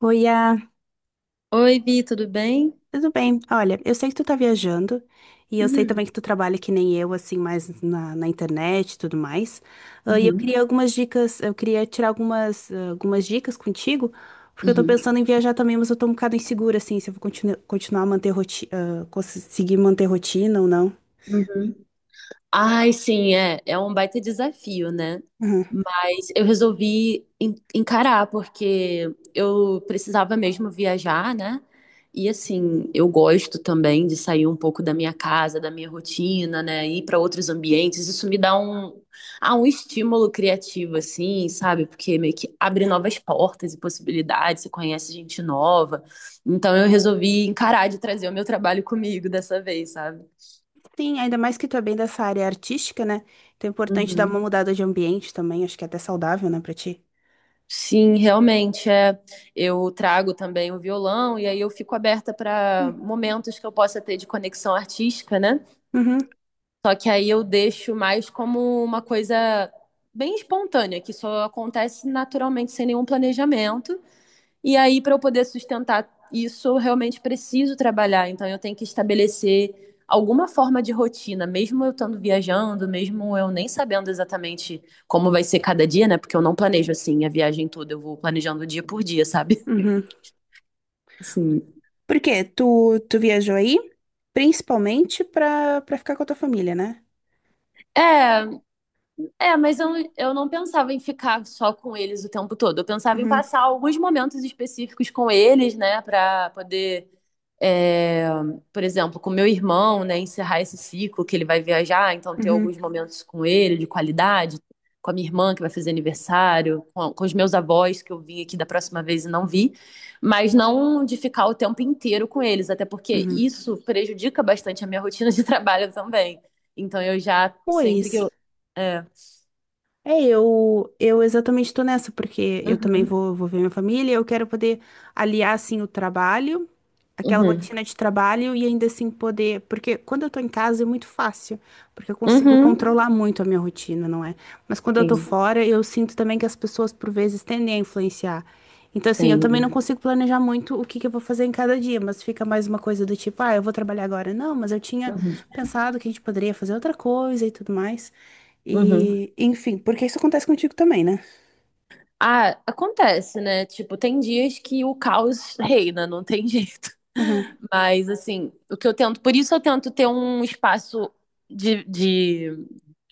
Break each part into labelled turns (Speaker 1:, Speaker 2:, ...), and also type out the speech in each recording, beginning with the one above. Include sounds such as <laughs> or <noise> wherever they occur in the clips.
Speaker 1: Oi,
Speaker 2: Oi, Vi, tudo bem?
Speaker 1: tudo bem? Olha, eu sei que tu tá viajando e eu sei
Speaker 2: Uhum,
Speaker 1: também que tu trabalha que nem eu, assim, mais na internet e tudo mais. E eu
Speaker 2: uhum,
Speaker 1: queria algumas dicas, eu queria tirar algumas dicas contigo, porque eu tô
Speaker 2: uhum,
Speaker 1: pensando em viajar também, mas eu tô um bocado insegura, assim, se eu vou continuar a manter rotina, conseguir manter rotina ou não.
Speaker 2: uhum. Ai, sim, é. É um baita desafio, né?
Speaker 1: Uhum.
Speaker 2: Mas eu resolvi encarar, porque eu precisava mesmo viajar, né? E assim, eu gosto também de sair um pouco da minha casa, da minha rotina, né? Ir para outros ambientes. Isso me dá um, um estímulo criativo, assim, sabe? Porque meio que abre novas portas e possibilidades, você conhece gente nova. Então eu resolvi encarar de trazer o meu trabalho comigo dessa vez, sabe?
Speaker 1: Sim, ainda mais que tu é bem dessa área artística, né? Então é importante dar uma
Speaker 2: Uhum.
Speaker 1: mudada de ambiente também, acho que é até saudável, né, pra ti.
Speaker 2: Sim, realmente é. Eu trago também o violão e aí eu fico aberta para momentos que eu possa ter de conexão artística, né?
Speaker 1: Uhum,
Speaker 2: Só que aí eu deixo mais como uma coisa bem espontânea, que só acontece naturalmente sem nenhum planejamento. E aí, para eu poder sustentar isso, eu realmente preciso trabalhar. Então, eu tenho que estabelecer alguma forma de rotina, mesmo eu estando viajando, mesmo eu nem sabendo exatamente como vai ser cada dia, né? Porque eu não planejo assim a viagem toda, eu vou planejando dia por dia, sabe?
Speaker 1: uhum.
Speaker 2: <laughs> Sim.
Speaker 1: Por quê? Tu viajou aí principalmente pra ficar com a tua família, né?
Speaker 2: É, é, mas eu não pensava em ficar só com eles o tempo todo. Eu pensava em
Speaker 1: Uhum,
Speaker 2: passar alguns momentos específicos com eles, né, pra poder. É, por exemplo, com meu irmão, né, encerrar esse ciclo que ele vai viajar, então ter
Speaker 1: uhum,
Speaker 2: alguns momentos com ele de qualidade, com a minha irmã que vai fazer aniversário, com os meus avós que eu vim aqui da próxima vez e não vi, mas não de ficar o tempo inteiro com eles, até porque
Speaker 1: uhum.
Speaker 2: isso prejudica bastante a minha rotina de <laughs> trabalho também. Então eu já sempre que eu
Speaker 1: Pois.
Speaker 2: é.
Speaker 1: É, eu exatamente estou nessa, porque eu também
Speaker 2: Uhum,
Speaker 1: vou ver minha família, eu quero poder aliar, assim, o trabalho, aquela
Speaker 2: uhum,
Speaker 1: rotina de trabalho e ainda assim poder. Porque quando eu tô em casa é muito fácil, porque eu consigo
Speaker 2: uhum.
Speaker 1: controlar muito a minha rotina, não é? Mas quando eu tô
Speaker 2: Sim,
Speaker 1: fora, eu sinto também que as pessoas, por vezes, tendem a influenciar. Então, assim, eu também não
Speaker 2: entendo.
Speaker 1: consigo planejar muito o que que eu vou fazer em cada dia, mas fica mais uma coisa do tipo, ah, eu vou trabalhar agora. Não, mas eu tinha
Speaker 2: Uhum,
Speaker 1: pensado que a gente poderia fazer outra coisa e tudo mais.
Speaker 2: uhum.
Speaker 1: E, enfim, porque isso acontece contigo também, né?
Speaker 2: Ah, acontece, né? Tipo, tem dias que o caos reina, não tem jeito.
Speaker 1: Uhum,
Speaker 2: <laughs> Mas, assim, o que eu tento. Por isso eu tento ter um espaço de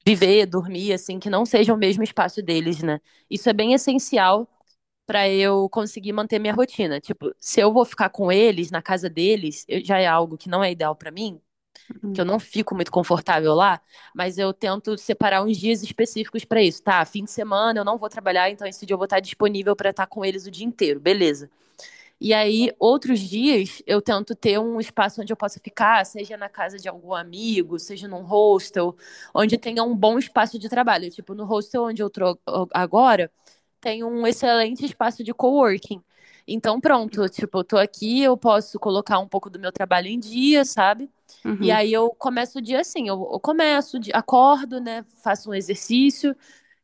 Speaker 2: viver, dormir, assim, que não seja o mesmo espaço deles, né? Isso é bem essencial pra eu conseguir manter minha rotina. Tipo, se eu vou ficar com eles, na casa deles, já é algo que não é ideal pra mim, que
Speaker 1: uhum,
Speaker 2: eu não fico muito confortável lá, mas eu tento separar uns dias específicos para isso, tá? Fim de semana eu não vou trabalhar, então esse dia eu vou estar disponível para estar com eles o dia inteiro, beleza. E aí, outros dias, eu tento ter um espaço onde eu possa ficar, seja na casa de algum amigo, seja num hostel, onde tenha um bom espaço de trabalho. Tipo, no hostel onde eu tô agora, tem um excelente espaço de coworking. Então, pronto, tipo, eu tô aqui, eu posso colocar um pouco do meu trabalho em dia, sabe? E
Speaker 1: uhum,
Speaker 2: aí eu começo o dia assim, eu começo, acordo, né? Faço um exercício,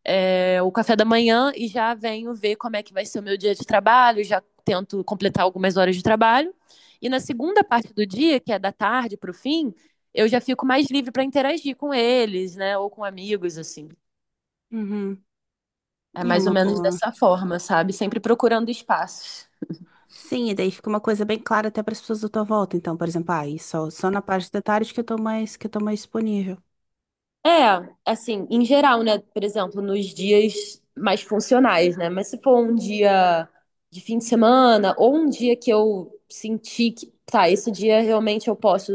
Speaker 2: o café da manhã e já venho ver como é que vai ser o meu dia de trabalho, já tento completar algumas horas de trabalho. E na segunda parte do dia, que é da tarde para o fim, eu já fico mais livre para interagir com eles, né? Ou com amigos, assim.
Speaker 1: uhum.
Speaker 2: É
Speaker 1: É
Speaker 2: mais ou
Speaker 1: uma
Speaker 2: menos
Speaker 1: boa.
Speaker 2: dessa forma, sabe? Sempre procurando espaços.
Speaker 1: Sim, e daí fica uma coisa bem clara até para as pessoas da tua volta. Então, por exemplo, e só na parte da tarde que eu tô mais disponível.
Speaker 2: É, assim, em geral, né? Por exemplo, nos dias mais funcionais, né? Mas se for um dia de fim de semana ou um dia que eu senti que, tá, esse dia realmente eu posso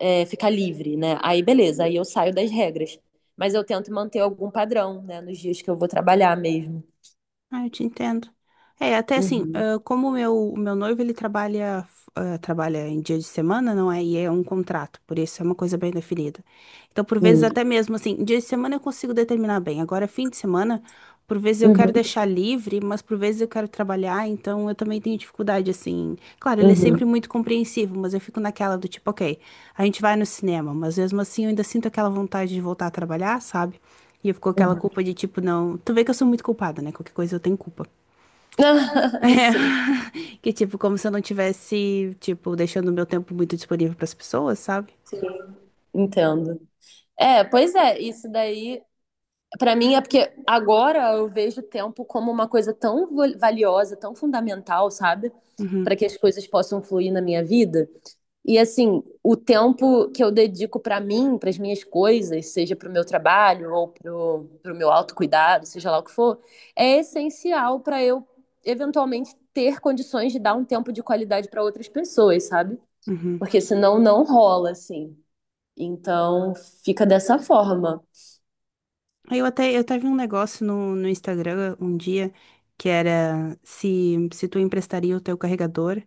Speaker 2: ficar livre, né? Aí beleza, aí eu saio das regras. Mas eu tento manter algum padrão, né? Nos dias que eu vou trabalhar mesmo.
Speaker 1: Ah, eu te entendo. É, até assim,
Speaker 2: Uhum,
Speaker 1: como o meu noivo, ele trabalha em dia de semana, não é? E é um contrato, por isso é uma coisa bem definida. Então, por vezes,
Speaker 2: sim.
Speaker 1: até mesmo assim, dia de semana eu consigo determinar bem. Agora, fim de semana, por vezes eu quero
Speaker 2: Uhum,
Speaker 1: deixar livre, mas por vezes eu quero trabalhar, então eu também tenho dificuldade, assim. Claro, ele é sempre
Speaker 2: uhum,
Speaker 1: muito compreensivo, mas eu fico naquela do tipo, ok, a gente vai no cinema, mas mesmo assim eu ainda sinto aquela vontade de voltar a trabalhar, sabe? E eu fico com aquela
Speaker 2: uhum.
Speaker 1: culpa de tipo, não. Tu vê que eu sou muito culpada, né? Qualquer coisa eu tenho culpa. <laughs>
Speaker 2: <laughs> Sim,
Speaker 1: É. Que tipo, como se eu não tivesse, tipo, deixando o meu tempo muito disponível para as pessoas, sabe?
Speaker 2: sim, entendo. É, pois é, isso daí, pra mim é porque agora eu vejo o tempo como uma coisa tão valiosa, tão fundamental, sabe? Para
Speaker 1: Uhum.
Speaker 2: que as coisas possam fluir na minha vida. E assim, o tempo que eu dedico pra mim, para as minhas coisas, seja pro meu trabalho ou pro meu autocuidado, seja lá o que for, é essencial pra eu eventualmente ter condições de dar um tempo de qualidade pra outras pessoas, sabe?
Speaker 1: Uhum.
Speaker 2: Porque senão não rola assim. Então, fica dessa forma.
Speaker 1: Aí eu até vi um negócio no Instagram um dia que era se tu emprestaria o teu carregador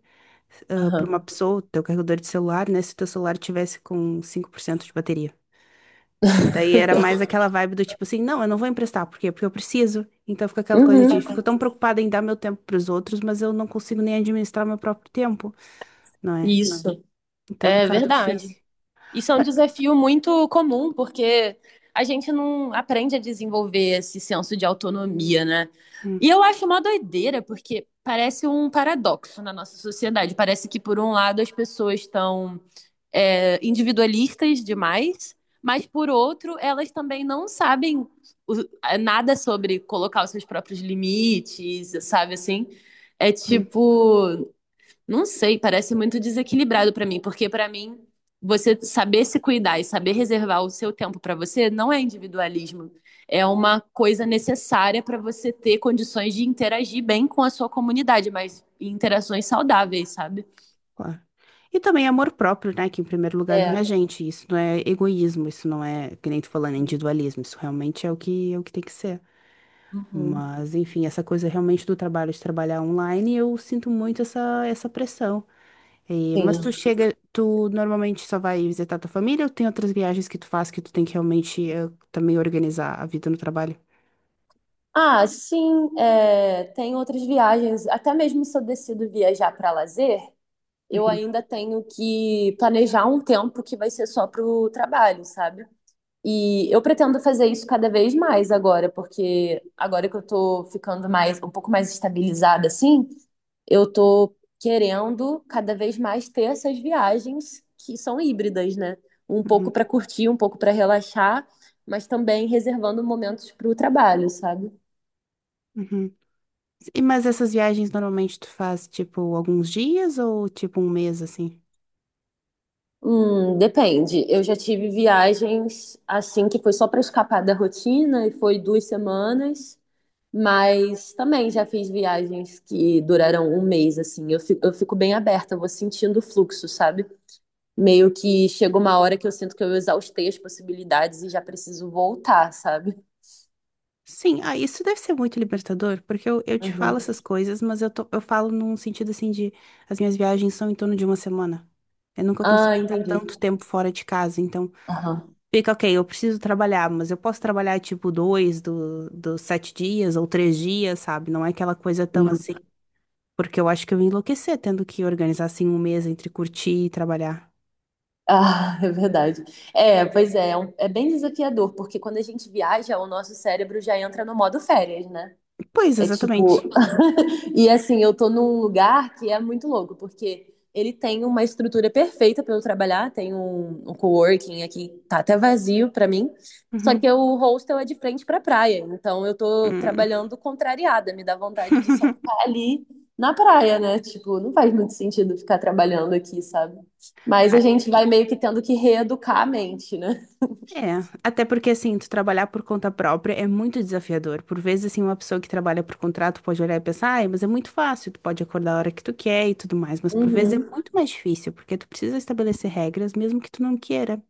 Speaker 1: para
Speaker 2: Aham.
Speaker 1: uma pessoa, o teu carregador de celular, né? Se o teu celular tivesse com 5% de bateria. E daí era mais aquela vibe do tipo assim, não, eu não vou emprestar, por quê? Porque eu preciso. Então fica aquela coisa de,
Speaker 2: Uhum.
Speaker 1: fico tão preocupada em dar meu tempo pros outros, mas eu não consigo nem administrar meu próprio tempo, não é?
Speaker 2: Isso,
Speaker 1: Então é um
Speaker 2: é
Speaker 1: bocado
Speaker 2: verdade.
Speaker 1: difícil.
Speaker 2: Isso é um
Speaker 1: Mas,
Speaker 2: desafio muito comum, porque a gente não aprende a desenvolver esse senso de autonomia, né?
Speaker 1: hum,
Speaker 2: E eu acho uma doideira, porque parece um paradoxo na nossa sociedade. Parece que, por um lado, as pessoas estão, individualistas demais, mas, por outro, elas também não sabem o- nada sobre colocar os seus próprios limites, sabe assim? É
Speaker 1: hum,
Speaker 2: tipo, não sei, parece muito desequilibrado pra mim, porque pra mim você saber se cuidar e saber reservar o seu tempo pra você não é individualismo, é uma coisa necessária pra você ter condições de interagir bem com a sua comunidade, mas em interações saudáveis, sabe?
Speaker 1: claro. E também amor próprio, né? Que em primeiro lugar vem
Speaker 2: É.
Speaker 1: a gente. Isso não é egoísmo, isso não é, que nem tu falando, individualismo. Isso realmente é o que tem que ser.
Speaker 2: Uhum.
Speaker 1: Mas, enfim, essa coisa realmente do trabalho, de trabalhar online, eu sinto muito essa pressão. E-
Speaker 2: Sim.
Speaker 1: mas tu normalmente só vai visitar tua família ou tem outras viagens que tu faz que tu tem que realmente também organizar a vida no trabalho?
Speaker 2: Ah, sim, é, tem outras viagens. Até mesmo se eu decido viajar para lazer, eu
Speaker 1: Uhum,
Speaker 2: ainda tenho que planejar um tempo que vai ser só para o trabalho, sabe? E eu pretendo fazer isso cada vez mais agora, porque agora que eu tô ficando mais, um pouco mais estabilizada assim, eu tô querendo cada vez mais ter essas viagens que são híbridas, né? Um
Speaker 1: uhum,
Speaker 2: pouco para curtir, um pouco para relaxar, mas também reservando momentos para o trabalho, sabe?
Speaker 1: uhum. E, mas essas viagens normalmente tu faz tipo alguns dias ou tipo um mês assim?
Speaker 2: Depende. Eu já tive viagens assim que foi só para escapar da rotina e foi duas semanas. Mas também já fiz viagens que duraram um mês, assim. Eu fico bem aberta, eu vou sentindo o fluxo, sabe? Meio que chega uma hora que eu sinto que eu exaustei as possibilidades e já preciso voltar, sabe?
Speaker 1: Sim, isso deve ser muito libertador, porque eu te falo
Speaker 2: Uhum.
Speaker 1: essas coisas, mas eu falo num sentido assim de as minhas viagens são em torno de uma semana. Eu nunca consigo
Speaker 2: Ah,
Speaker 1: ficar
Speaker 2: entendi.
Speaker 1: tanto tempo fora de casa, então
Speaker 2: Aham.
Speaker 1: fica, ok, eu preciso trabalhar, mas eu posso trabalhar tipo dois dos 7 dias ou 3 dias, sabe? Não é aquela coisa tão
Speaker 2: Hum.
Speaker 1: assim. Porque eu acho que eu ia enlouquecer tendo que organizar assim um mês entre curtir e trabalhar.
Speaker 2: Ah, <laughs> é verdade. É, pois é, é bem desafiador, porque quando a gente viaja, o nosso cérebro já entra no modo férias, né?
Speaker 1: Pois,
Speaker 2: É
Speaker 1: exatamente.
Speaker 2: tipo. <laughs> E assim, eu tô num lugar que é muito louco, porque ele tem uma estrutura perfeita para eu trabalhar, tem um coworking aqui, tá até vazio para mim. Só que
Speaker 1: Uhum.
Speaker 2: o hostel é de frente pra praia, então eu tô
Speaker 1: Hum.
Speaker 2: trabalhando contrariada, me dá vontade de só
Speaker 1: <laughs>
Speaker 2: ficar ali na praia, né? Tipo, não faz muito sentido ficar trabalhando aqui, sabe? Mas a
Speaker 1: Ah,
Speaker 2: gente vai meio que tendo que reeducar a mente, né?
Speaker 1: é, até porque assim, tu trabalhar por conta própria é muito desafiador. Por vezes, assim, uma pessoa que trabalha por contrato pode olhar e pensar, ai, mas é muito fácil, tu pode acordar a hora que tu quer e tudo mais. Mas por vezes é
Speaker 2: Uhum,
Speaker 1: muito mais difícil, porque tu precisa estabelecer regras, mesmo que tu não queira.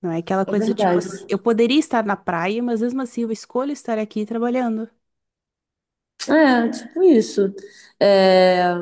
Speaker 1: Não é aquela
Speaker 2: é
Speaker 1: coisa do tipo,
Speaker 2: verdade.
Speaker 1: eu poderia estar na praia, mas mesmo assim eu escolho estar aqui trabalhando.
Speaker 2: É, tipo isso. É,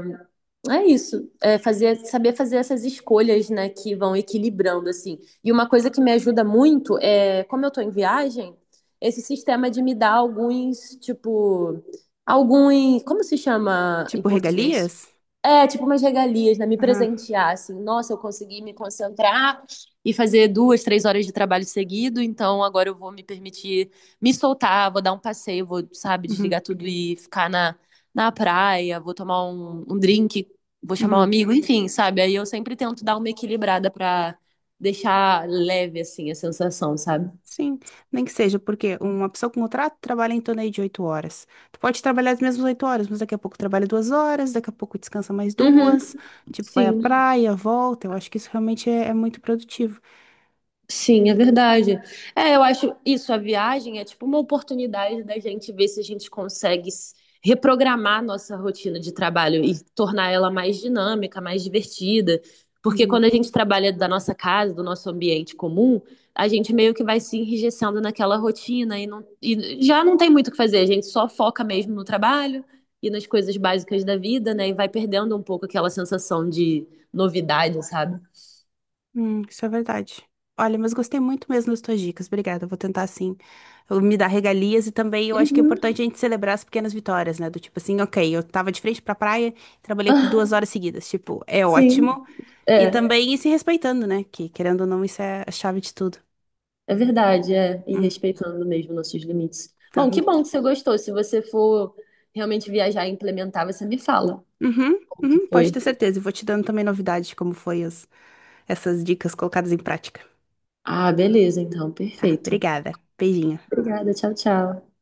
Speaker 2: é isso, saber fazer essas escolhas, né, que vão equilibrando, assim. E uma coisa que me ajuda muito é, como eu tô em viagem, esse sistema de me dar alguns, tipo, alguns, como se chama em
Speaker 1: Tipo,
Speaker 2: português?
Speaker 1: regalias?
Speaker 2: É, tipo umas regalias, né? Me
Speaker 1: Aham.
Speaker 2: presentear, assim. Nossa, eu consegui me concentrar e fazer duas, três horas de trabalho seguido, então agora eu vou me permitir me soltar, vou dar um passeio, vou, sabe,
Speaker 1: Uhum.
Speaker 2: desligar tudo e ficar na, na praia, vou tomar um drink, vou chamar um
Speaker 1: Uhum.
Speaker 2: amigo, enfim, sabe? Aí eu sempre tento dar uma equilibrada pra deixar leve, assim, a sensação, sabe?
Speaker 1: Sim, nem que seja, porque uma pessoa com contrato trabalha em torno aí de 8 horas. Tu pode trabalhar as mesmas 8 horas, mas daqui a pouco trabalha 2 horas, daqui a pouco descansa mais
Speaker 2: Uhum,
Speaker 1: duas, tipo, vai à
Speaker 2: sim.
Speaker 1: praia, volta. Eu acho que isso realmente é muito produtivo.
Speaker 2: Sim, é verdade. É, eu acho isso, a viagem é tipo uma oportunidade da gente ver se a gente consegue reprogramar nossa rotina de trabalho e tornar ela mais dinâmica, mais divertida. Porque
Speaker 1: Uhum.
Speaker 2: quando a gente trabalha da nossa casa, do nosso ambiente comum, a gente meio que vai se enrijecendo naquela rotina e, não, e já não tem muito o que fazer, a gente só foca mesmo no trabalho e nas coisas básicas da vida, né? E vai perdendo um pouco aquela sensação de novidade, sabe?
Speaker 1: Isso é verdade. Olha, mas gostei muito mesmo das tuas dicas. Obrigada. Eu vou tentar assim, eu me dar regalias e também eu acho que é
Speaker 2: Uhum.
Speaker 1: importante a gente celebrar as pequenas vitórias, né? Do tipo assim, ok, eu tava de frente pra praia, trabalhei por duas
Speaker 2: <laughs>
Speaker 1: horas seguidas. Tipo, é
Speaker 2: Sim,
Speaker 1: ótimo. E
Speaker 2: é.
Speaker 1: também ir se respeitando, né? Que querendo ou não, isso é a chave de tudo.
Speaker 2: É verdade, é. E
Speaker 1: Hum,
Speaker 2: respeitando mesmo nossos limites.
Speaker 1: tá.
Speaker 2: Bom que você gostou. Se você for realmente viajar e implementar, você me fala
Speaker 1: Uhum,
Speaker 2: como que
Speaker 1: uhum, pode
Speaker 2: foi.
Speaker 1: ter certeza. Eu vou te dando também novidades de como foi essas dicas colocadas em prática.
Speaker 2: Ah, beleza, então,
Speaker 1: Tá,
Speaker 2: perfeito.
Speaker 1: obrigada. Beijinho.
Speaker 2: Obrigada, tchau, tchau.